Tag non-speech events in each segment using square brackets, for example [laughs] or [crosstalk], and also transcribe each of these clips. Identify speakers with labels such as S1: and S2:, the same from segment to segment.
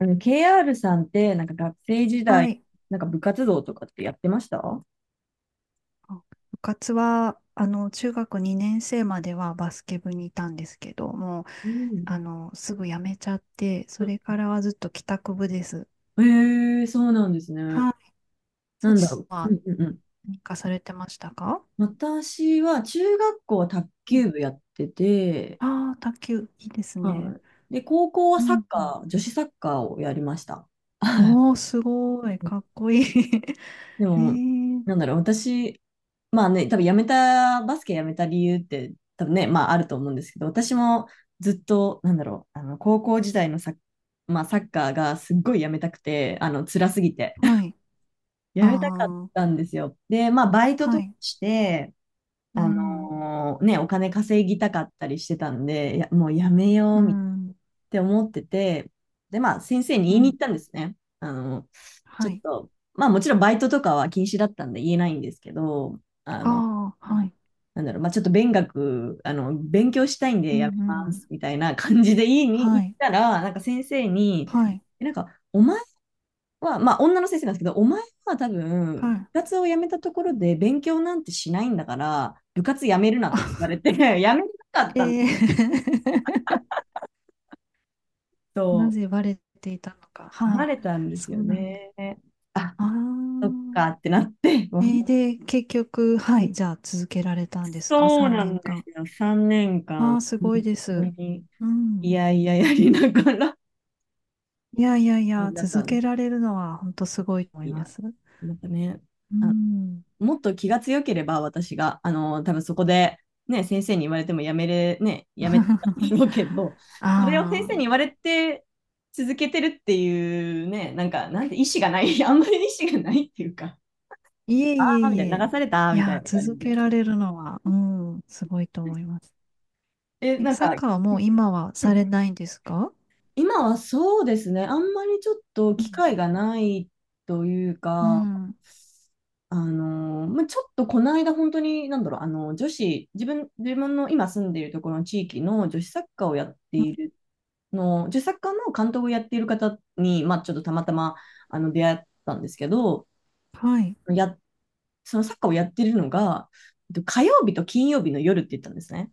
S1: KR さんって、なんか学生時
S2: は
S1: 代、
S2: い。
S1: なんか部活動とかってやってました？
S2: あ部活は、中学2年生まではバスケ部にいたんですけども、
S1: うん。
S2: すぐ辞めちゃって、それからはずっと帰宅部です。
S1: へえ、そうなんですね。
S2: はい。サ
S1: なん
S2: チ
S1: だ
S2: さ
S1: ろ
S2: ん
S1: う。う
S2: は
S1: んうんうん。
S2: 何かされてましたか？
S1: 私は中学校は卓
S2: うん、
S1: 球部やってて、
S2: ああー、卓球、いいです
S1: は
S2: ね。
S1: い。で、高校は
S2: う
S1: サッ
S2: ん。
S1: カー、女子サッカーをやりました。[laughs]
S2: おー、すごい。かっこいい。[laughs]
S1: で
S2: え
S1: も、
S2: ー、
S1: なんだろう、私、まあね、多分やめた、バスケやめた理由って、多分ね、まああると思うんですけど、私もずっと、なんだろう、あの、高校時代のサッ、まあ、サッカーがすっごいやめたくて、あの、辛すぎて、
S2: は
S1: [laughs]
S2: い。
S1: やめたかっ
S2: あ
S1: たんですよ。で、まあ、バイ
S2: あ、
S1: ト
S2: は
S1: とか
S2: い。
S1: して、
S2: うん、
S1: お金稼ぎたかったりしてたんで、いや、もうやめよ
S2: う
S1: うみたいな
S2: ん、
S1: って思ってて、で、まあ、先生に言
S2: う
S1: いに行っ
S2: ん。
S1: たんですね。ち
S2: は
S1: ょっ
S2: い。
S1: と、まあ、もちろんバイトとかは禁止だったんで言えないんですけど、あの、
S2: ああ、はい。
S1: なんだろう、まあ、ちょっと勉学、あの、勉強したいん
S2: う
S1: でやめ
S2: ん、う
S1: ます、
S2: ん。
S1: みたいな感じで言い
S2: は
S1: に行っ
S2: い。
S1: たら、なんか先生に、
S2: はい。
S1: なんか、お前は、まあ、女の先生なんですけど、お前は多分、
S2: は
S1: 部
S2: い。
S1: 活を辞めたところで勉強なんてしないんだから、部活辞めるな
S2: [laughs]
S1: っ
S2: あ、
S1: て言われて、[laughs] 辞めなかった
S2: ええ [laughs] な
S1: と、
S2: ぜバレていたのか。
S1: 慣
S2: は
S1: れたんで
S2: い、
S1: す
S2: そ
S1: よ
S2: うなんだ。
S1: ね。あ、
S2: あ
S1: そっ
S2: あ。
S1: かってなって、[laughs]
S2: えー、で、結局、はい、じゃあ続けられたんですか？
S1: そう
S2: 3
S1: なん
S2: 年
S1: で
S2: 間。
S1: すよ。3年
S2: あ
S1: 間、
S2: あ、すごい
S1: 本
S2: で
S1: 当
S2: す。
S1: に、
S2: う
S1: い
S2: ん。
S1: やいややりながら、
S2: いやいやいや、
S1: [laughs] だった
S2: 続
S1: ん
S2: け
S1: です。
S2: られるのは本当すごいと思い
S1: い
S2: ま
S1: や、
S2: す。
S1: なんかね、
S2: う
S1: あ
S2: ん。
S1: もっと気が強ければ、私が、あの、多分そこで、ね、先生に言われてもやめてたん
S2: [laughs]
S1: だろうけど、
S2: あ
S1: それを先生に
S2: あ、
S1: 言われて続けてるっていうね、なんて意思がない、[laughs] あんまり意思がないっていうか、
S2: いえ
S1: あ
S2: いえ
S1: ーみ
S2: い
S1: たいな、
S2: え。
S1: 流された
S2: い
S1: みた
S2: や、
S1: いな感
S2: 続
S1: じで。
S2: けられるのは、うん、すごいと思います。
S1: え、
S2: え、
S1: なん
S2: サッ
S1: か、
S2: カーはもう今は
S1: う
S2: さ
S1: ん、
S2: れないんですか？
S1: 今はそうですね、あんまりちょっと機会がないという
S2: う
S1: か、
S2: ん。
S1: まあ、ちょっとこの間本当に、なんだろう、あの、女子、自分、自分の今住んでいるところの地域の女子サッカーをやっているの、女子サッカーの監督をやっている方に、まあ、ちょっとたまたま、あの、出会ったんですけど、
S2: はい。
S1: や、そのサッカーをやっているのが、火曜日と金曜日の夜って言ったんですね。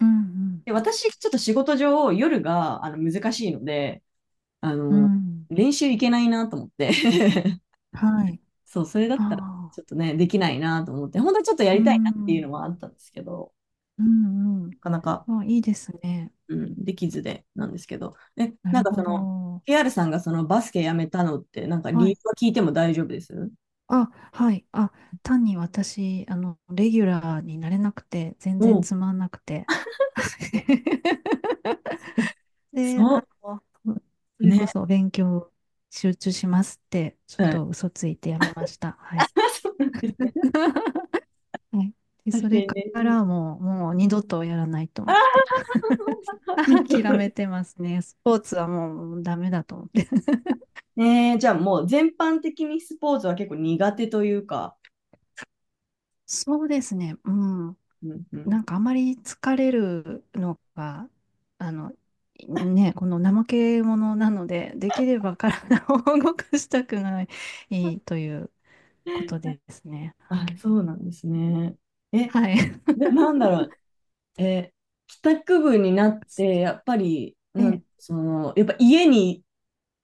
S2: うん、
S1: で、私、ちょっと仕事上、夜が、あの、難しいので、あ
S2: うん、
S1: の、
S2: うん。
S1: 練習行けないなと思って。 [laughs]
S2: はい。
S1: そう、それだったら
S2: ああ、
S1: ちょっとね、できないなと思って、本当はちょっとや
S2: う
S1: りたいなっていう
S2: ん、
S1: のはあったんですけど、
S2: うん、うん。
S1: なかなか、
S2: あ、いいですね。
S1: うん、できずでなんですけど、え、
S2: な
S1: なん
S2: る
S1: か
S2: ほ
S1: その、
S2: ど。
S1: KR さんがそのバスケやめたのって、なんか理
S2: は
S1: 由
S2: い。
S1: は聞いても大丈夫です？
S2: あ、はい。あ、単に私、レギュラーになれなくて、全
S1: お
S2: 然
S1: う。
S2: つまんなくて。
S1: [laughs]
S2: [laughs] で、
S1: そ
S2: そ
S1: う、
S2: れこ
S1: ね、
S2: そ勉強集中しますって、ちょっ
S1: はい。
S2: と嘘ついてやめました。
S1: [laughs]
S2: は
S1: あ、
S2: い。
S1: そうなんですね。
S2: [laughs] はい。で、
S1: 確
S2: そ
S1: か
S2: れ
S1: に
S2: か
S1: ね。
S2: らもう、もう二度とやらないと
S1: あ
S2: 思って。
S1: ー、似
S2: [laughs]
S1: て
S2: 諦め
S1: る。
S2: てますね。スポーツはもうダメだと思って。
S1: [laughs] ねえ、じゃあもう全般的にスポーツは結構苦手というか、
S2: そうですね。うん。
S1: うんうん。
S2: なんかあまり疲れるのが、あの、ね、この怠け者なので、できれば体を動かしたくないということですね。
S1: あ、
S2: はい。
S1: そうなんですね。え、
S2: はい。
S1: で、なんだろう。え、帰宅部になって、や
S2: [laughs]
S1: っぱり、
S2: え
S1: なん、
S2: え。
S1: その、やっぱ家に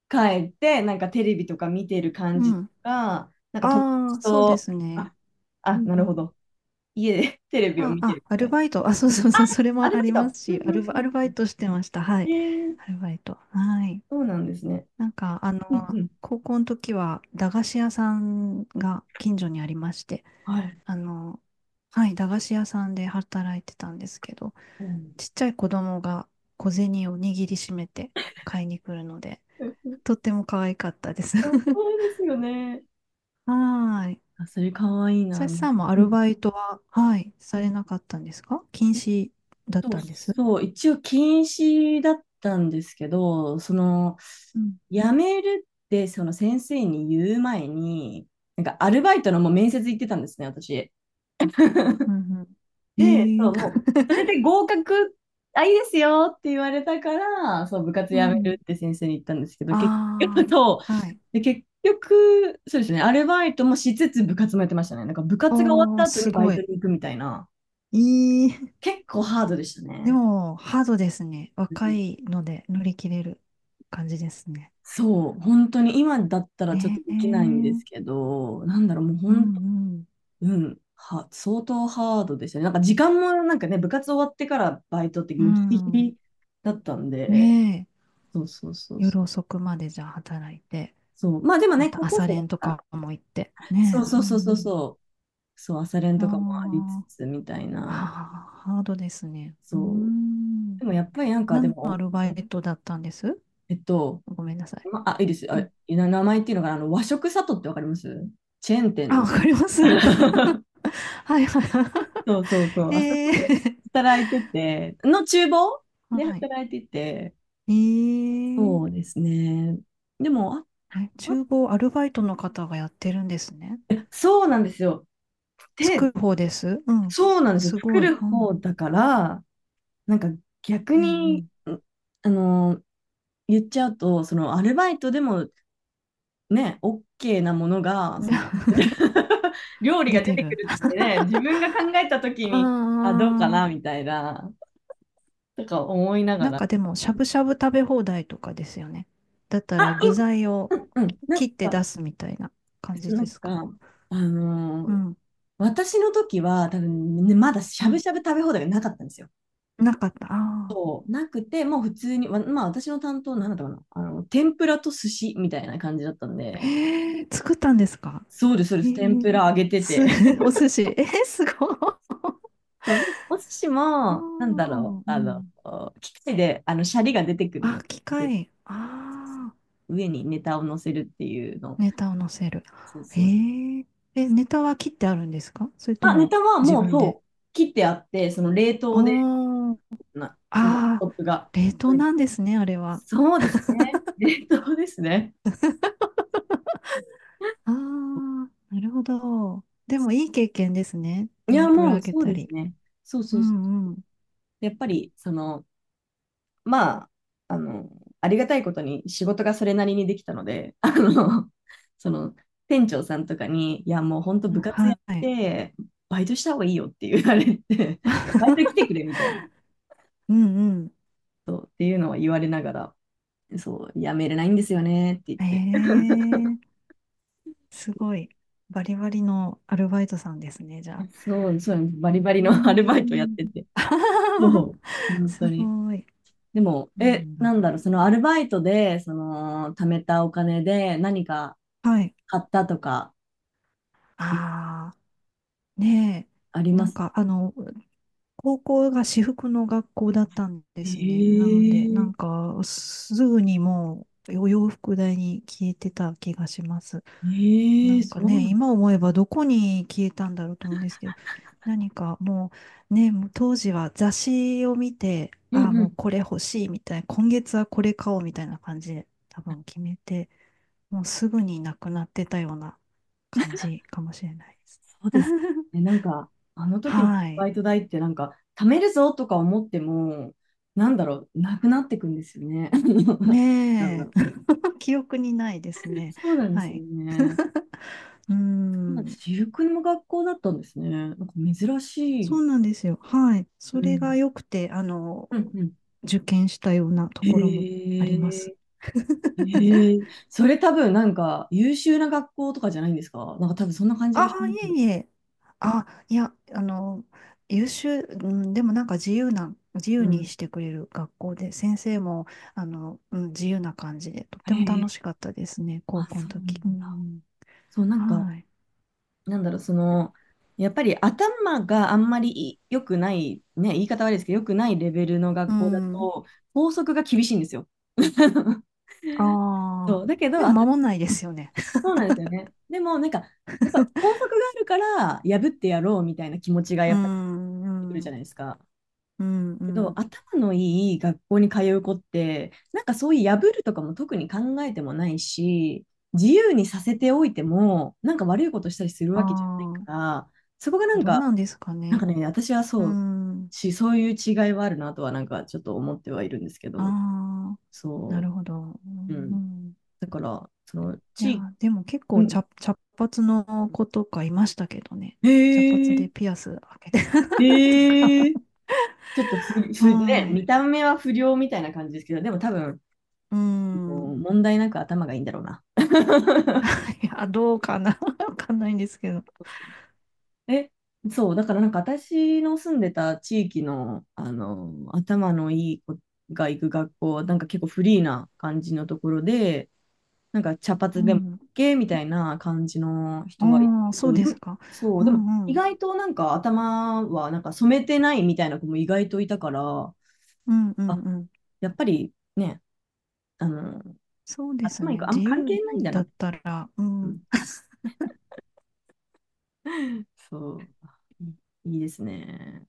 S1: 帰って、なんかテレビとか見てる感
S2: う
S1: じと
S2: ん。
S1: か、なんか友
S2: あ
S1: 達
S2: あ、そうで
S1: と、
S2: すね。
S1: あ、
S2: う
S1: あ、
S2: ん
S1: な
S2: う
S1: るほ
S2: ん。
S1: ど。家で [laughs] テレビを
S2: あ、
S1: 見て
S2: あ、
S1: るみ
S2: ア
S1: た
S2: ル
S1: いな。
S2: バイト。あ、そうそうそう。それ
S1: ア
S2: も
S1: ル
S2: あ
S1: バイ
S2: りま
S1: ト。
S2: す
S1: うん
S2: し、
S1: う
S2: ア
S1: ん
S2: ルバ
S1: う
S2: イ
S1: ん。
S2: トしてました。は
S1: え
S2: い。
S1: ー、
S2: アルバイト。はい。
S1: そうなんですね。
S2: なんか、あ
S1: う
S2: の
S1: んうん。
S2: 高校の時は駄菓子屋さんが近所にありまして、
S1: はい。
S2: あの、はい、駄菓子屋さんで働いてたんですけど、
S1: うん。
S2: ちっちゃい子供が小銭を握りしめて買いに来るので、とっ
S1: [laughs]
S2: ても可愛かったです。
S1: あ、そうですよね。
S2: [laughs] はーい。
S1: あ、それかわいいな。
S2: さしさんもア
S1: う
S2: ル
S1: ん、
S2: バイトは、はい、されなかったんですか？禁止だっ
S1: そう
S2: たんです。
S1: そう、一応禁止だったんですけど、その、
S2: うん。
S1: 辞めるって、その先生に言う前に、なんかアルバイトのもう面接行ってたんですね、私。
S2: うんうん。
S1: で、
S2: ええ
S1: そ
S2: ー
S1: う、もう、それで
S2: [laughs]
S1: 合格、あ、いいですよって言われたから、そう、部活
S2: う
S1: 辞める
S2: ん。
S1: って先生に言ったんですけ
S2: [laughs]
S1: ど、結局
S2: あ
S1: と、
S2: あ、はい。
S1: で、結局、そうですね、アルバイトもしつつ部活もやってましたね。なんか部活が終わっ
S2: お
S1: た
S2: ー、
S1: 後
S2: す
S1: にバイ
S2: ご
S1: ト
S2: い。
S1: に行くみたいな、
S2: いい。
S1: 結構ハードでした
S2: で
S1: ね。
S2: も、ハードですね。若いので乗り切れる感じですね。
S1: そう、本当に今だったらちょっと
S2: ねえ。
S1: で
S2: う
S1: きないんで
S2: ん
S1: すけど、なんだろう、もう
S2: う
S1: 本当、
S2: ん。
S1: うん、相当ハードでしたね。なんか時間もなんかね、部活終わってからバイトって
S2: う
S1: もうギリギ
S2: ん。
S1: リだったんで、
S2: ねえ。
S1: そうそうそうそ
S2: 夜
S1: う。
S2: 遅くまでじゃあ働いて、
S1: そうまあでも
S2: ま
S1: ね、
S2: た
S1: 高校
S2: 朝
S1: 生だ
S2: 練と
S1: か
S2: か
S1: ら、
S2: も行って。
S1: そう
S2: ね
S1: そ
S2: え。
S1: う
S2: う
S1: そうそう
S2: ん
S1: そう、そう、朝練
S2: う
S1: とかもありつ
S2: ん。あ
S1: つみたい
S2: あ。あ
S1: な、
S2: あ、ハードですね。うー
S1: そう。
S2: ん。
S1: でもやっぱりなんかで
S2: 何のア
S1: も、
S2: ルバイトだったんです？
S1: えっと、
S2: ごめんなさい。
S1: いいです。
S2: う
S1: あ、
S2: ん。
S1: 名前っていうのがあの和食里ってわかります？チェーン店
S2: あ、わ
S1: の。
S2: かります。[laughs]
S1: [laughs]
S2: はいは
S1: そうそうそう。
S2: い。
S1: あそこ
S2: [laughs]
S1: で
S2: ええ
S1: 働いてて、厨房で、
S2: はい。
S1: 働いてて、
S2: え
S1: そう
S2: え
S1: ですね。でも、
S2: え、
S1: あ、
S2: 厨房アルバイトの方がやってるんですね。
S1: そうなんですよ。で、
S2: 作る方です。うん。
S1: そうなんですよ。
S2: す
S1: 作
S2: ごい。
S1: る
S2: うん。
S1: 方だから、なんか逆
S2: う
S1: に、
S2: ん
S1: あの、言っちゃうと、そのアルバイトでもね、OK なものが、
S2: うん。
S1: その
S2: [laughs]
S1: [laughs] 料理
S2: 出
S1: が出
S2: て
S1: てく
S2: る。
S1: るってね、自分が考えたとき
S2: あ
S1: に、あ、どうかな
S2: あ。
S1: みたいな、とか思いなが
S2: なん
S1: ら。
S2: かでも、しゃぶしゃぶ食べ放題とかですよね。だった
S1: あ、
S2: ら具材を
S1: いうん、うん、なん
S2: 切って
S1: か、
S2: 出すみたいな感じ
S1: な
S2: で
S1: ん
S2: す
S1: か、
S2: か？
S1: あの
S2: う
S1: ー
S2: ん。
S1: 私の時は多分、ね、まだし
S2: う
S1: ゃ
S2: ん。
S1: ぶしゃぶ食べ放題がなかったんですよ。
S2: なかった。あ
S1: なくて、もう普通に、まあ私の担当、なんだったかな、あの、天ぷらと寿司みたいな感じだったん
S2: あ。
S1: で、
S2: へえ、作ったんですか。
S1: そうです、そうで
S2: え
S1: す、天ぷ
S2: え、
S1: ら揚げて
S2: す、
S1: て。
S2: [laughs]
S1: [laughs]
S2: お寿司。えー、すごい。あ
S1: そうお寿司
S2: ー
S1: も、なんだろう、
S2: う
S1: あの、
S2: ん。
S1: 機械で、あの、シャリが出てくる
S2: あ、
S1: の
S2: 機
S1: で、
S2: 械。ああ。
S1: 上にネタを乗せるっていうの。
S2: ネタを載せる。
S1: そう
S2: え
S1: そう。
S2: ー、え、ネタは切ってあるんですかそれと
S1: あ、ネ
S2: も
S1: タは
S2: 自
S1: もう
S2: 分で。
S1: そう、切ってあって、その冷凍で、
S2: おー、
S1: もう、
S2: あ
S1: トップが。
S2: ー、冷凍
S1: うん、
S2: なんですね、あれは。
S1: そうですね。[laughs] 冷凍ですね。
S2: あー、なるほど。でもいい経験ですね。
S1: いや、
S2: 天ぷら
S1: も
S2: 揚
S1: う
S2: げ
S1: そう
S2: た
S1: で
S2: り。
S1: すね。そう
S2: う
S1: そうそう。
S2: んうん。
S1: やっぱり、その、まあ、あの、ありがたいことに仕事がそれなりにできたので、あの、その、店長さんとかに、いや、もう本当部活やっ
S2: はい。
S1: て、バイトした方がいいよって言われて、バイト来て
S2: [laughs]
S1: くれみたいな、
S2: うんう
S1: そうっていうのは言われながら、そう、やめれないんですよねって言っ
S2: ん。
S1: て、
S2: えー、すごい。バリバリのアルバイトさんですね、じゃあ。
S1: そう、そう、バリバリ
S2: う
S1: のア
S2: ん
S1: ル
S2: う
S1: バイトやっ
S2: ん。
S1: てて、
S2: [laughs]
S1: そう、本当
S2: す
S1: に。
S2: ごい。
S1: でも、
S2: そうな
S1: え、
S2: ん
S1: な
S2: だ。
S1: んだろう、そのアルバイトで、その、貯めたお金で何か
S2: はい。
S1: 買ったとか、
S2: ああ。ね
S1: あり
S2: え、
S1: ま
S2: なん
S1: す？
S2: かあの、高校が私服の学校だったんですね。なので、な
S1: え
S2: ん
S1: え、
S2: かすぐにもうお洋服代に消えてた気がします。な
S1: ええ、
S2: ん
S1: そ
S2: か
S1: う
S2: ね、
S1: なの。
S2: 今思えばどこに消えたんだろうと思うんですけど、何かもうね、もう当時は雑誌を見て、
S1: う
S2: ああ、
S1: んう
S2: もう
S1: ん。
S2: これ欲しいみたいな、今月はこれ買おうみたいな感じで多分決めて、もうすぐになくなってたような感じかもしれないです
S1: そう
S2: ね。
S1: です
S2: [laughs]
S1: ね、なんか、あの時の
S2: は
S1: バ
S2: い。
S1: イト代ってなんか、貯めるぞとか思っても、なんだろう、なくなってくんですよね。[laughs] なんだ
S2: ね
S1: ろ
S2: え。
S1: う。
S2: [laughs] 記憶にないですね。
S1: そうなんで
S2: は
S1: すよ
S2: い。
S1: ね。
S2: [laughs] うー
S1: そうなんで
S2: ん。
S1: す。私服の学校だったんですね。なんか珍し
S2: そ
S1: い。
S2: うなんですよ。はい。そ
S1: う
S2: れが
S1: ん。
S2: 良くて、
S1: うんうん。
S2: 受験したようなと
S1: へ
S2: ころもあります。
S1: え、え
S2: [laughs]
S1: え、それ多分なんか優秀な学校とかじゃないんですか？なんか多分そんな感じ
S2: あ
S1: がし
S2: あ、
S1: ま
S2: い
S1: す。
S2: えいえ。あ、いや、優秀、うん、でもなんか自由
S1: う
S2: に
S1: ん。
S2: してくれる学校で、先生も、うん、自由な感じで、とっても楽
S1: え
S2: し
S1: え、
S2: かったですね、高
S1: あ、
S2: 校の
S1: そうな
S2: 時。
S1: ん
S2: う
S1: だ。
S2: ん、
S1: そう、なんか、
S2: はい。
S1: なんだろう、その、やっぱり頭があんまり良くない、ね、言い方悪いですけど、良くないレベルの
S2: う
S1: 学校だ
S2: ん。
S1: と、校則が厳しいんですよ。[laughs]
S2: あ
S1: そ
S2: あ
S1: う、だけ
S2: ー、
S1: ど、
S2: でも
S1: 頭、
S2: 守んないですよね。[laughs]
S1: そうなんですよね。でも、なんか、やっぱ校則があるから、破ってやろうみたいな気持ちが
S2: う
S1: やっぱり出てく
S2: ん、
S1: る
S2: う
S1: じ
S2: ん、
S1: ゃないですか。
S2: うん、う
S1: けど、
S2: ん。
S1: 頭のいい学校に通う子って、なんかそういう破るとかも特に考えてもないし、自由にさせておいても、なんか悪いことしたりする
S2: あ
S1: わけじゃないか
S2: あ、
S1: ら、そこがなん
S2: どう
S1: か、
S2: なんですか
S1: なんか
S2: ね。
S1: ね、私は
S2: う
S1: そう
S2: ん、
S1: し、そういう違いはあるなとは、なんかちょっと思ってはいるんですけど、
S2: ああ、な
S1: そ
S2: るほど。う
S1: う、うん。
S2: ん、
S1: だから、その、
S2: いやー、でも結
S1: う
S2: 構
S1: ん。
S2: 茶髪の子とかいましたけどね。
S1: へ
S2: 茶髪
S1: え、
S2: でピアス開けてたとか。
S1: へえ、ちょっとふ、
S2: [laughs]
S1: ふ、ね、
S2: はい。
S1: 見た目は不良みたいな感じですけど、でも多分、
S2: う
S1: もう
S2: ん。
S1: 問題なく頭がいいんだろうな。
S2: いや、どうかな [laughs] わかんないんですけど。
S1: え、そう、だからなんか私の住んでた地域の、あの、頭のいい子が行く学校は、なんか結構フリーな感じのところで、なんか茶
S2: う
S1: 髪でも
S2: ん。
S1: OK みたいな感じの人はいる
S2: ああ、
S1: け
S2: そう
S1: ど、で
S2: で
S1: も、
S2: すか。
S1: そ
S2: う
S1: う、でも
S2: ん
S1: 意
S2: うん。
S1: 外となんか頭はなんか染めてないみたいな子も意外といたから、
S2: うんうん
S1: あ、
S2: うん。
S1: やっぱりね、あの、
S2: そうです
S1: 頭いい
S2: ね。
S1: 子あん
S2: 自
S1: ま関
S2: 由
S1: 係ないんだな
S2: だ
S1: っ
S2: っ
S1: て。
S2: たら、う
S1: う
S2: ん、
S1: ん、そう、いいいですね。